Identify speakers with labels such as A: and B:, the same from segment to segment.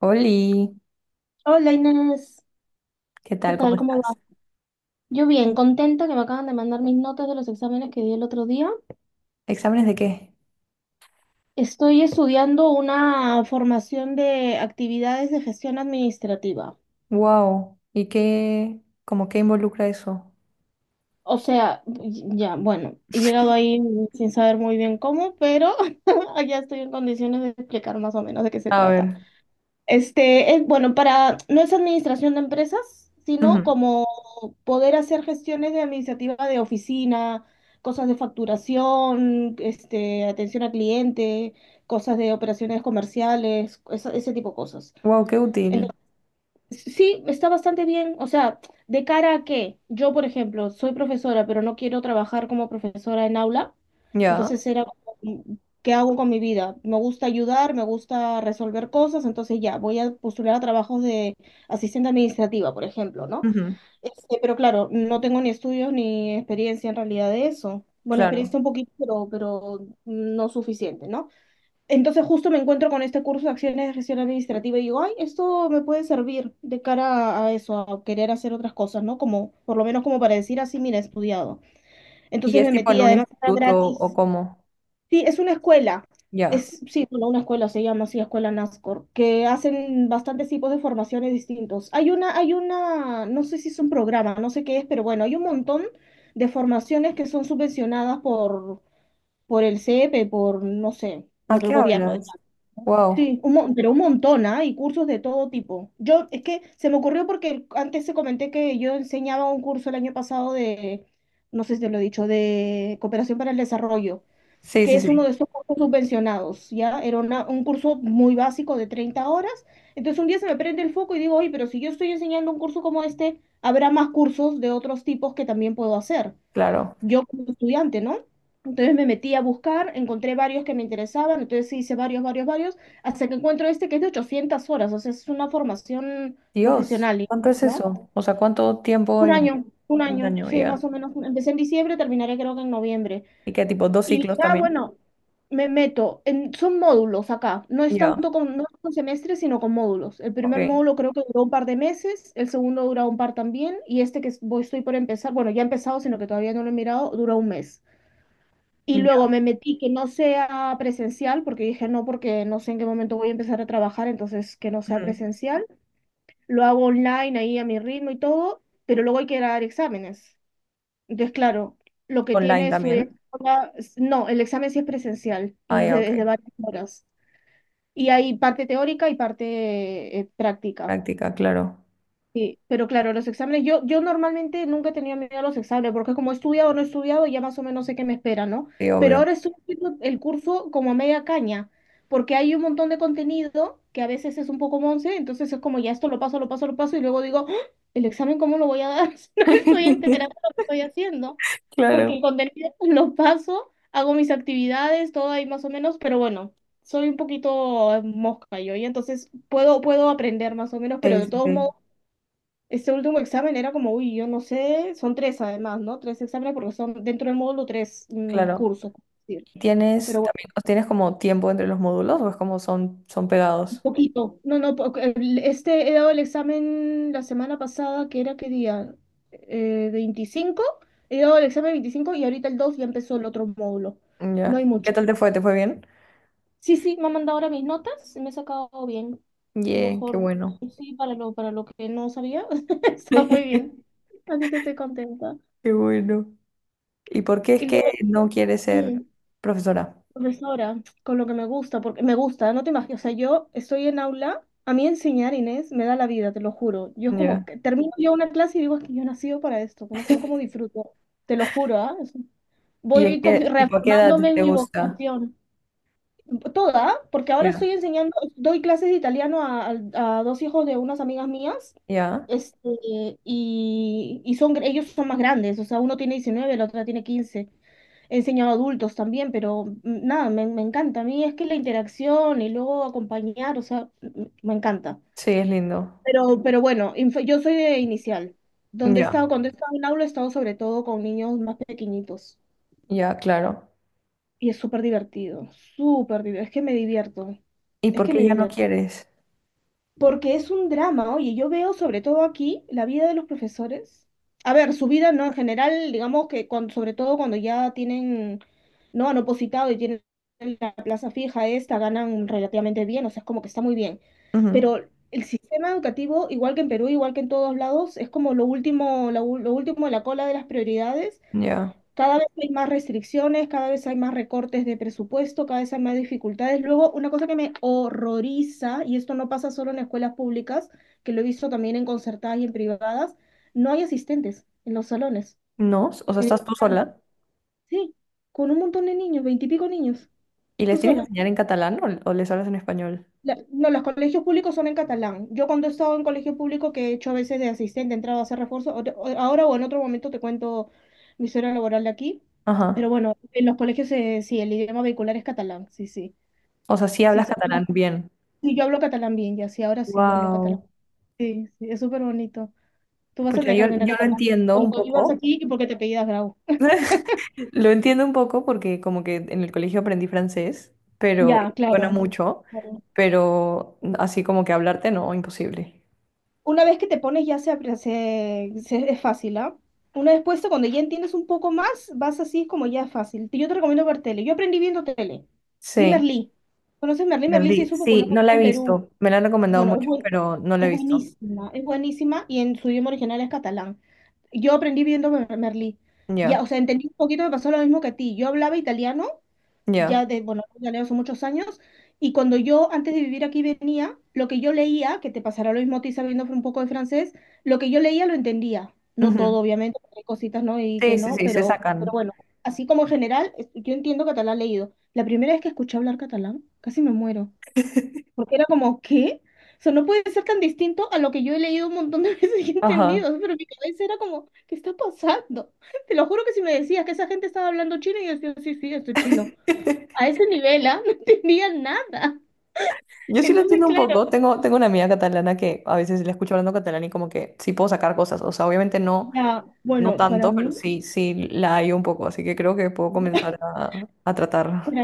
A: Oli,
B: Hola Inés,
A: ¿qué
B: ¿qué
A: tal? ¿Cómo
B: tal? ¿Cómo va?
A: estás?
B: Yo bien, contenta que me acaban de mandar mis notas de los exámenes que di el otro día.
A: ¿Exámenes de qué?
B: Estoy estudiando una formación de actividades de gestión administrativa.
A: Wow. ¿Y qué, como qué involucra eso?
B: O sea, ya, bueno, he llegado ahí sin saber muy bien cómo, pero ya estoy en condiciones de explicar más o menos de qué se
A: A
B: trata.
A: ver.
B: Es, bueno, para, no es administración de empresas, sino como poder hacer gestiones de administrativa de oficina, cosas de facturación, atención al cliente, cosas de operaciones comerciales, ese tipo de cosas.
A: Wow, qué útil.
B: Entonces, sí, está bastante bien. O sea, de cara a que yo, por ejemplo, soy profesora, pero no quiero trabajar como profesora en aula,
A: Ya.
B: entonces era como, ¿qué hago con mi vida? Me gusta ayudar, me gusta resolver cosas, entonces ya, voy a postular a trabajos de asistente administrativa, por ejemplo, ¿no?
A: Ujú.
B: Pero claro, no tengo ni estudios ni experiencia en realidad de eso. Bueno, experiencia
A: Claro.
B: un poquito, pero no suficiente, ¿no? Entonces justo me encuentro con este curso de acciones de gestión administrativa y digo, ay, esto me puede servir de cara a eso, a querer hacer otras cosas, ¿no? Como, por lo menos como para decir así, mira, he estudiado.
A: ¿Y
B: Entonces
A: es
B: me
A: tipo
B: metí,
A: en un
B: además era
A: instituto o
B: gratis.
A: cómo?
B: Sí, es una escuela.
A: Ya.
B: Es, sí, bueno, una escuela se llama así, Escuela NASCOR, que hacen bastantes tipos de formaciones distintos. Hay una, no sé si es un programa, no sé qué es, pero bueno, hay un montón de formaciones que son subvencionadas por el CEP, por, no sé,
A: ¿A
B: por el
A: qué
B: gobierno,
A: hablas?
B: digamos.
A: Wow.
B: Sí, pero un montón, ¿ah? Y cursos de todo tipo. Yo, es que se me ocurrió porque antes se comenté que yo enseñaba un curso el año pasado de, no sé si te lo he dicho, de cooperación para el desarrollo
A: Sí,
B: que
A: sí,
B: es uno
A: sí.
B: de esos cursos subvencionados, ¿ya? Era un curso muy básico de 30 horas. Entonces un día se me prende el foco y digo, oye, pero si yo estoy enseñando un curso como este, habrá más cursos de otros tipos que también puedo hacer,
A: Claro.
B: yo como estudiante, ¿no? Entonces me metí a buscar, encontré varios que me interesaban, entonces sí hice varios, varios, varios, hasta que encuentro este que es de 800 horas, o sea, es una formación
A: Dios,
B: profesional,
A: ¿cuánto es
B: ¿no?
A: eso? O sea, ¿cuánto tiempo en
B: Un
A: un
B: año,
A: año?
B: sí, más
A: Ya.
B: o menos. Empecé en diciembre, terminaré creo que en noviembre.
A: ¿Y qué tipo? ¿Dos
B: Y
A: ciclos
B: dije, ah,
A: también?
B: bueno, me meto. En, son módulos acá.
A: Ya.
B: No es con semestres, sino con módulos. El primer
A: Ok.
B: módulo creo que duró un par de meses, el segundo duró un par también, y este voy, estoy por empezar, bueno, ya he empezado, sino que todavía no lo he mirado, duró un mes. Y luego
A: Ya.
B: me metí que no sea presencial, porque dije no, porque no sé en qué momento voy a empezar a trabajar, entonces que no sea
A: Ujú.
B: presencial. Lo hago online ahí a mi ritmo y todo, pero luego hay que dar exámenes. Entonces, claro, lo que
A: Online
B: tiene su
A: también.
B: no, el examen sí es presencial
A: Ah,
B: y
A: ya, ok.
B: desde varias horas. Y hay parte teórica y parte práctica.
A: Práctica, claro.
B: Sí, pero claro, los exámenes, yo normalmente nunca he tenido miedo a los exámenes, porque como he estudiado o no he estudiado, ya más o menos sé qué me espera, ¿no?
A: Sí,
B: Pero
A: obvio.
B: ahora estoy haciendo el curso como a media caña, porque hay un montón de contenido que a veces es un poco monce, entonces es como ya esto lo paso, lo paso, lo paso, y luego digo, "¡Ah! ¿El examen cómo lo voy a dar? Si no me estoy enterando de lo que estoy haciendo, porque
A: Claro.
B: el contenido lo paso, hago mis actividades, todo ahí más o menos, pero bueno. Soy un poquito mosca yo, y entonces puedo aprender más o menos, pero
A: Sí,
B: de
A: sí,
B: todos
A: sí,
B: modos este último examen era como, uy, yo no sé, son tres además, ¿no? Tres exámenes porque son dentro del módulo tres
A: claro.
B: cursos, por decir. Pero
A: ¿Tienes
B: bueno,
A: también, o tienes como tiempo entre los módulos o es como son, son
B: un
A: pegados?
B: poquito. No, no, po- el- este he dado el examen la semana pasada, ¿que era qué día? Veinticinco He dado el examen 25 y ahorita el 2 ya empezó el otro módulo. No
A: Ya.
B: hay
A: ¿Qué
B: mucho.
A: tal te fue? ¿Te fue bien?
B: Sí, sí, me han mandado ahora mis notas, me he sacado bien.
A: Yeah, qué
B: Mejor,
A: bueno.
B: sí, para lo que no sabía, está muy bien. Así que estoy contenta.
A: Qué bueno. ¿Y por qué es
B: Y
A: que
B: luego,
A: no quieres
B: mm,
A: ser profesora?
B: profesora, con lo que me gusta, porque me gusta, no te imaginas, o sea, yo estoy en aula, a mí enseñar, Inés, me da la vida, te lo juro. Yo es como
A: Ya.
B: que termino yo una clase y digo, es que yo he nacido para esto, que no sé cómo disfruto, te lo juro, ¿ah?
A: ¿Y en
B: Voy
A: qué, tipo, a qué edad
B: reafirmándome en
A: te
B: mi
A: gusta?
B: vocación, toda, ¿ah? Porque ahora
A: Ya.
B: estoy enseñando, doy clases de italiano a, a dos hijos de unas amigas mías,
A: Ya.
B: este, y son, ellos son más grandes, o sea, uno tiene 19, la otra tiene 15. He enseñado a adultos también, pero nada, me encanta. A mí es que la interacción y luego acompañar, o sea, me encanta.
A: Sí, es lindo.
B: Pero bueno, yo soy de inicial. Donde he
A: Ya.
B: estado, cuando he estado en aula, he estado sobre todo con niños más pequeñitos.
A: Ya, claro.
B: Y es súper divertido, súper divertido. Es que me divierto,
A: ¿Y
B: es
A: por
B: que me
A: qué ya no
B: divierto.
A: quieres?
B: Porque es un drama, oye, yo veo sobre todo aquí la vida de los profesores. A ver, su vida, ¿no? En general, digamos que cuando, sobre todo cuando ya tienen, ¿no? Han opositado y tienen la plaza fija esta, ganan relativamente bien, o sea, es como que está muy bien.
A: Ujú.
B: Pero el sistema educativo, igual que en Perú, igual que en todos lados, es como lo último, lo, lo último de la cola de las prioridades.
A: Ya.
B: Cada vez hay más restricciones, cada vez hay más recortes de presupuesto, cada vez hay más dificultades. Luego, una cosa que me horroriza, y esto no pasa solo en escuelas públicas, que lo he visto también en concertadas y en privadas, no hay asistentes en los salones.
A: ¿No? O sea,
B: En el
A: ¿estás tú
B: salón.
A: sola?
B: Sí, con un montón de niños, veintipico niños,
A: ¿Y
B: tú
A: les tienes que
B: sola.
A: enseñar en catalán o les hablas en español?
B: No, los colegios públicos son en catalán. Yo cuando he estado en colegio público que he hecho a veces de asistente, he entrado a hacer refuerzo, ahora o en otro momento te cuento mi historia laboral de aquí,
A: Ajá.
B: pero bueno, en los colegios sí, el idioma vehicular es catalán, sí, sí,
A: O sea, sí
B: sí,
A: hablas catalán
B: no,
A: bien.
B: sí, yo hablo catalán bien, ya sí, ahora sí, ya hablo catalán.
A: Wow.
B: Sí, sí, es súper bonito. Tú vas a
A: Pues yo,
B: tener que
A: yo
B: aprender
A: lo
B: catalán
A: entiendo un
B: cuando vivas
A: poco.
B: aquí y porque te apellidas Grau.
A: Lo entiendo un poco porque como que en el colegio aprendí francés, pero
B: Ya,
A: y suena
B: claro.
A: mucho,
B: Claro.
A: pero así como que hablarte no, imposible.
B: Una vez que te pones ya se, es fácil, ¿ah? Una vez puesto, cuando ya entiendes un poco más, vas así como ya es fácil. Yo te recomiendo ver tele. Yo aprendí viendo tele. Vi
A: Sí,
B: Merlí. ¿Conoces Merlí? Merlí se
A: Berlín.
B: hizo
A: Sí,
B: popular
A: no la he
B: en Perú.
A: visto. Me la han recomendado
B: Bueno, es,
A: mucho, pero no la he visto.
B: es buenísima y en su idioma original es catalán. Yo aprendí viendo Merlí. Ya,
A: Ya,
B: o sea, entendí un poquito, me pasó lo mismo que a ti. Yo hablaba italiano
A: ya.
B: ya de, bueno, ya leo hace muchos años, y cuando yo antes de vivir aquí venía, lo que yo leía, que te pasará lo mismo a ti sabiendo un poco de francés, lo que yo leía lo entendía. No todo,
A: Ujú.
B: obviamente, porque hay cositas, ¿no? Y que
A: Sí, sí,
B: no,
A: sí, se
B: pero
A: sacan.
B: bueno, así como en general, yo entiendo catalán leído. La primera vez que escuché hablar catalán, casi me muero, porque era como, ¿qué? O sea, no puede ser tan distinto a lo que yo he leído un montón de veces y he
A: Ajá.
B: entendido, pero mi cabeza era como, ¿qué está pasando? Te lo juro que si me decías que esa gente estaba hablando chino, yo decía, sí, sí, esto es chino a ese nivel, ¿ah? No tenían nada.
A: Yo sí lo
B: Entonces,
A: entiendo un
B: claro,
A: poco. Tengo una amiga catalana que a veces la escucho hablando catalán y como que sí puedo sacar cosas. O sea, obviamente no,
B: ya,
A: no
B: bueno, para
A: tanto, pero
B: mí,
A: sí, sí la hay un poco. Así que creo que puedo comenzar a tratar.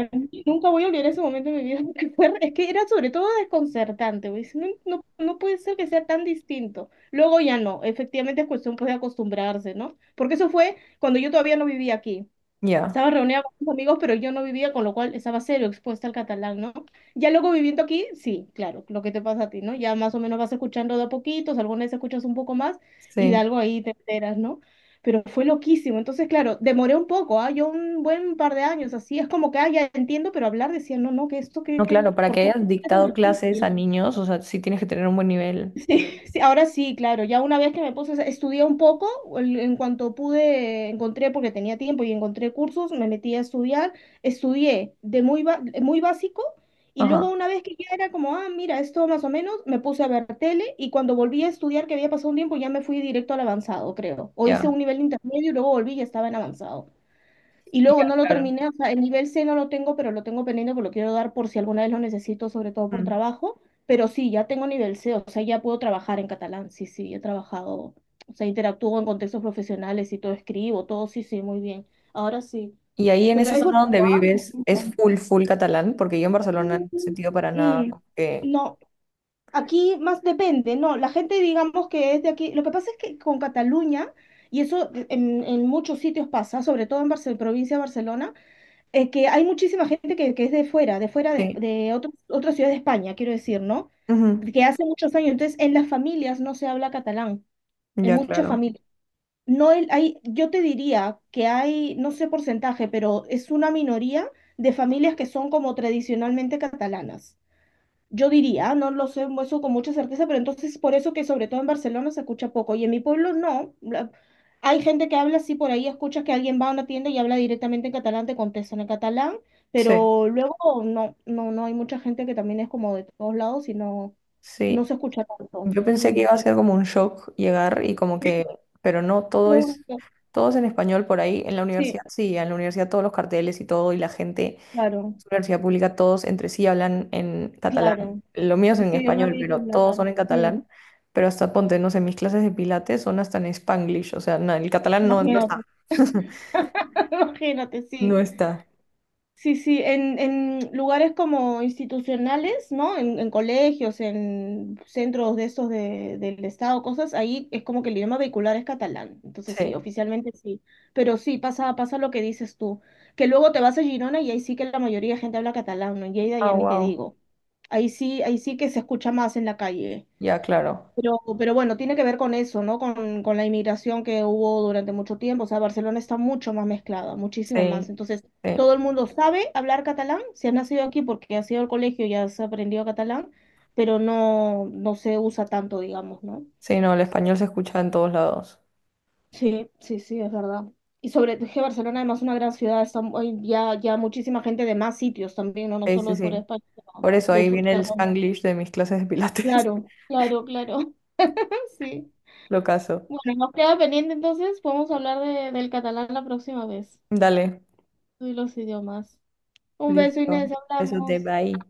B: nunca voy a olvidar ese momento de mi vida, porque fue, es que era sobre todo desconcertante, güey. Dice, no, no, no puede ser que sea tan distinto. Luego ya no, efectivamente es cuestión pues, de acostumbrarse, ¿no? Porque eso fue cuando yo todavía no vivía aquí.
A: Ya,
B: Estaba reunida con mis amigos, pero yo no vivía, con lo cual estaba cero expuesta al catalán, ¿no? Ya luego viviendo aquí, sí, claro, lo que te pasa a ti, ¿no? Ya más o menos vas escuchando de a poquitos, alguna vez escuchas un poco más y de
A: sí.
B: algo ahí te enteras, ¿no? Pero fue loquísimo. Entonces, claro, demoré un poco, ¿ah? Yo un buen par de años, así es como que, ah, ya entiendo, pero hablar decía, no, no, que esto,
A: No,
B: que-
A: claro, para
B: ¿por
A: que
B: qué es
A: hayas
B: tan
A: dictado clases a
B: difícil?
A: niños, o sea, sí tienes que tener un buen nivel.
B: Sí, sí, ahora sí, claro. Ya una vez que me puse, estudié un poco, en cuanto pude, encontré, porque tenía tiempo y encontré cursos, me metí a estudiar, estudié de muy básico y luego
A: Ajá,
B: una vez que ya era como, ah, mira, esto más o menos, me puse a ver tele y cuando volví a estudiar, que había pasado un tiempo, ya me fui directo al avanzado, creo. O hice
A: ya,
B: un nivel intermedio y luego volví y ya estaba en avanzado. Y luego
A: ya,
B: no lo
A: claro.
B: terminé, o sea, el nivel C no lo tengo, pero lo tengo pendiente porque lo quiero dar por si alguna vez lo necesito, sobre todo por
A: Mm.
B: trabajo. Pero sí, ya tengo nivel C, o sea, ya puedo trabajar en catalán. Sí, sí, he trabajado, o sea, interactúo en contextos profesionales y todo escribo, todo, sí, sí, muy bien. Ahora sí.
A: Y ahí en
B: Pero
A: esa
B: es
A: zona donde
B: bonito,
A: vives es
B: ¿ah?
A: full, full catalán, porque yo en Barcelona no he sentido para nada
B: Mm.
A: como que...
B: No, aquí más depende, no, la gente digamos que es de aquí, lo que pasa es que con Cataluña, y eso en muchos sitios pasa, sobre todo en provincia de Barcelona, que hay muchísima gente que es de fuera, de fuera de,
A: Sí.
B: de otro- otra ciudad de España, quiero decir, ¿no?
A: Ujú.
B: Que hace muchos años, entonces en las familias no se habla catalán, en
A: Ya,
B: muchas
A: claro.
B: familias. No el- Hay, yo te diría que hay, no sé porcentaje, pero es una minoría de familias que son como tradicionalmente catalanas. Yo diría, no lo sé eso con mucha certeza, pero entonces por eso que sobre todo en Barcelona se escucha poco y en mi pueblo no. Hay gente que habla así por ahí, escuchas que alguien va a una tienda y habla directamente en catalán, te contestan en catalán,
A: Sí,
B: pero luego no, no, no hay mucha gente que también es como de todos lados y no, no
A: sí.
B: se escucha tanto.
A: Yo pensé que
B: Mm.
A: iba a ser como un shock llegar y como que, pero no,
B: Todo-
A: todo es en español por ahí. En la universidad,
B: Sí,
A: sí, en la universidad todos los carteles y todo, y la gente,
B: claro,
A: es una universidad pública, todos entre sí hablan en catalán.
B: claro.
A: Lo mío es en
B: Ese idioma
A: español, pero todos
B: vehicular.
A: son en
B: Mm.
A: catalán. Pero hasta ponte, no sé, mis clases de pilates son hasta en Spanglish, o sea, no, el catalán no, no
B: Imagínate,
A: está.
B: imagínate,
A: No
B: sí.
A: está.
B: Sí, sí, en lugares como institucionales, ¿no? En colegios, en centros de estos del Estado, cosas, ahí es como que el idioma vehicular es catalán. Entonces sí,
A: Sí.
B: oficialmente sí. Pero sí, pasa, pasa lo que dices tú. Que luego te vas a Girona y ahí sí que la mayoría de gente habla catalán, ¿no? En Lleida ya
A: Ah,
B: ni te
A: wow.
B: digo. Ahí sí que se escucha más en la calle.
A: Ya, claro.
B: Pero bueno, tiene que ver con eso, ¿no? Con la inmigración que hubo durante mucho tiempo. O sea, Barcelona está mucho más mezclada, muchísimo más.
A: Sí.
B: Entonces,
A: Sí.
B: todo el mundo sabe hablar catalán, si has nacido aquí porque has ido al colegio y has aprendido catalán, pero no, no se usa tanto, digamos, ¿no?
A: Sí, no, el español se escucha en todos lados.
B: Sí, sí, sí, es verdad. Y sobre es que Barcelona, además, es una gran ciudad, está, hay ya, ya muchísima gente de más sitios también, ¿no? No
A: Sí,
B: solo
A: sí,
B: de fuera de
A: sí.
B: España, sino
A: Por eso
B: de,
A: ahí viene el
B: perdón.
A: Spanglish de mis clases de pilates.
B: Claro, claro, claro. Sí.
A: Lo caso.
B: Bueno, nos queda pendiente entonces, podemos hablar del catalán la próxima vez
A: Dale,
B: y los idiomas. Un beso, Inés,
A: listo. Besos de
B: hablamos.
A: bye.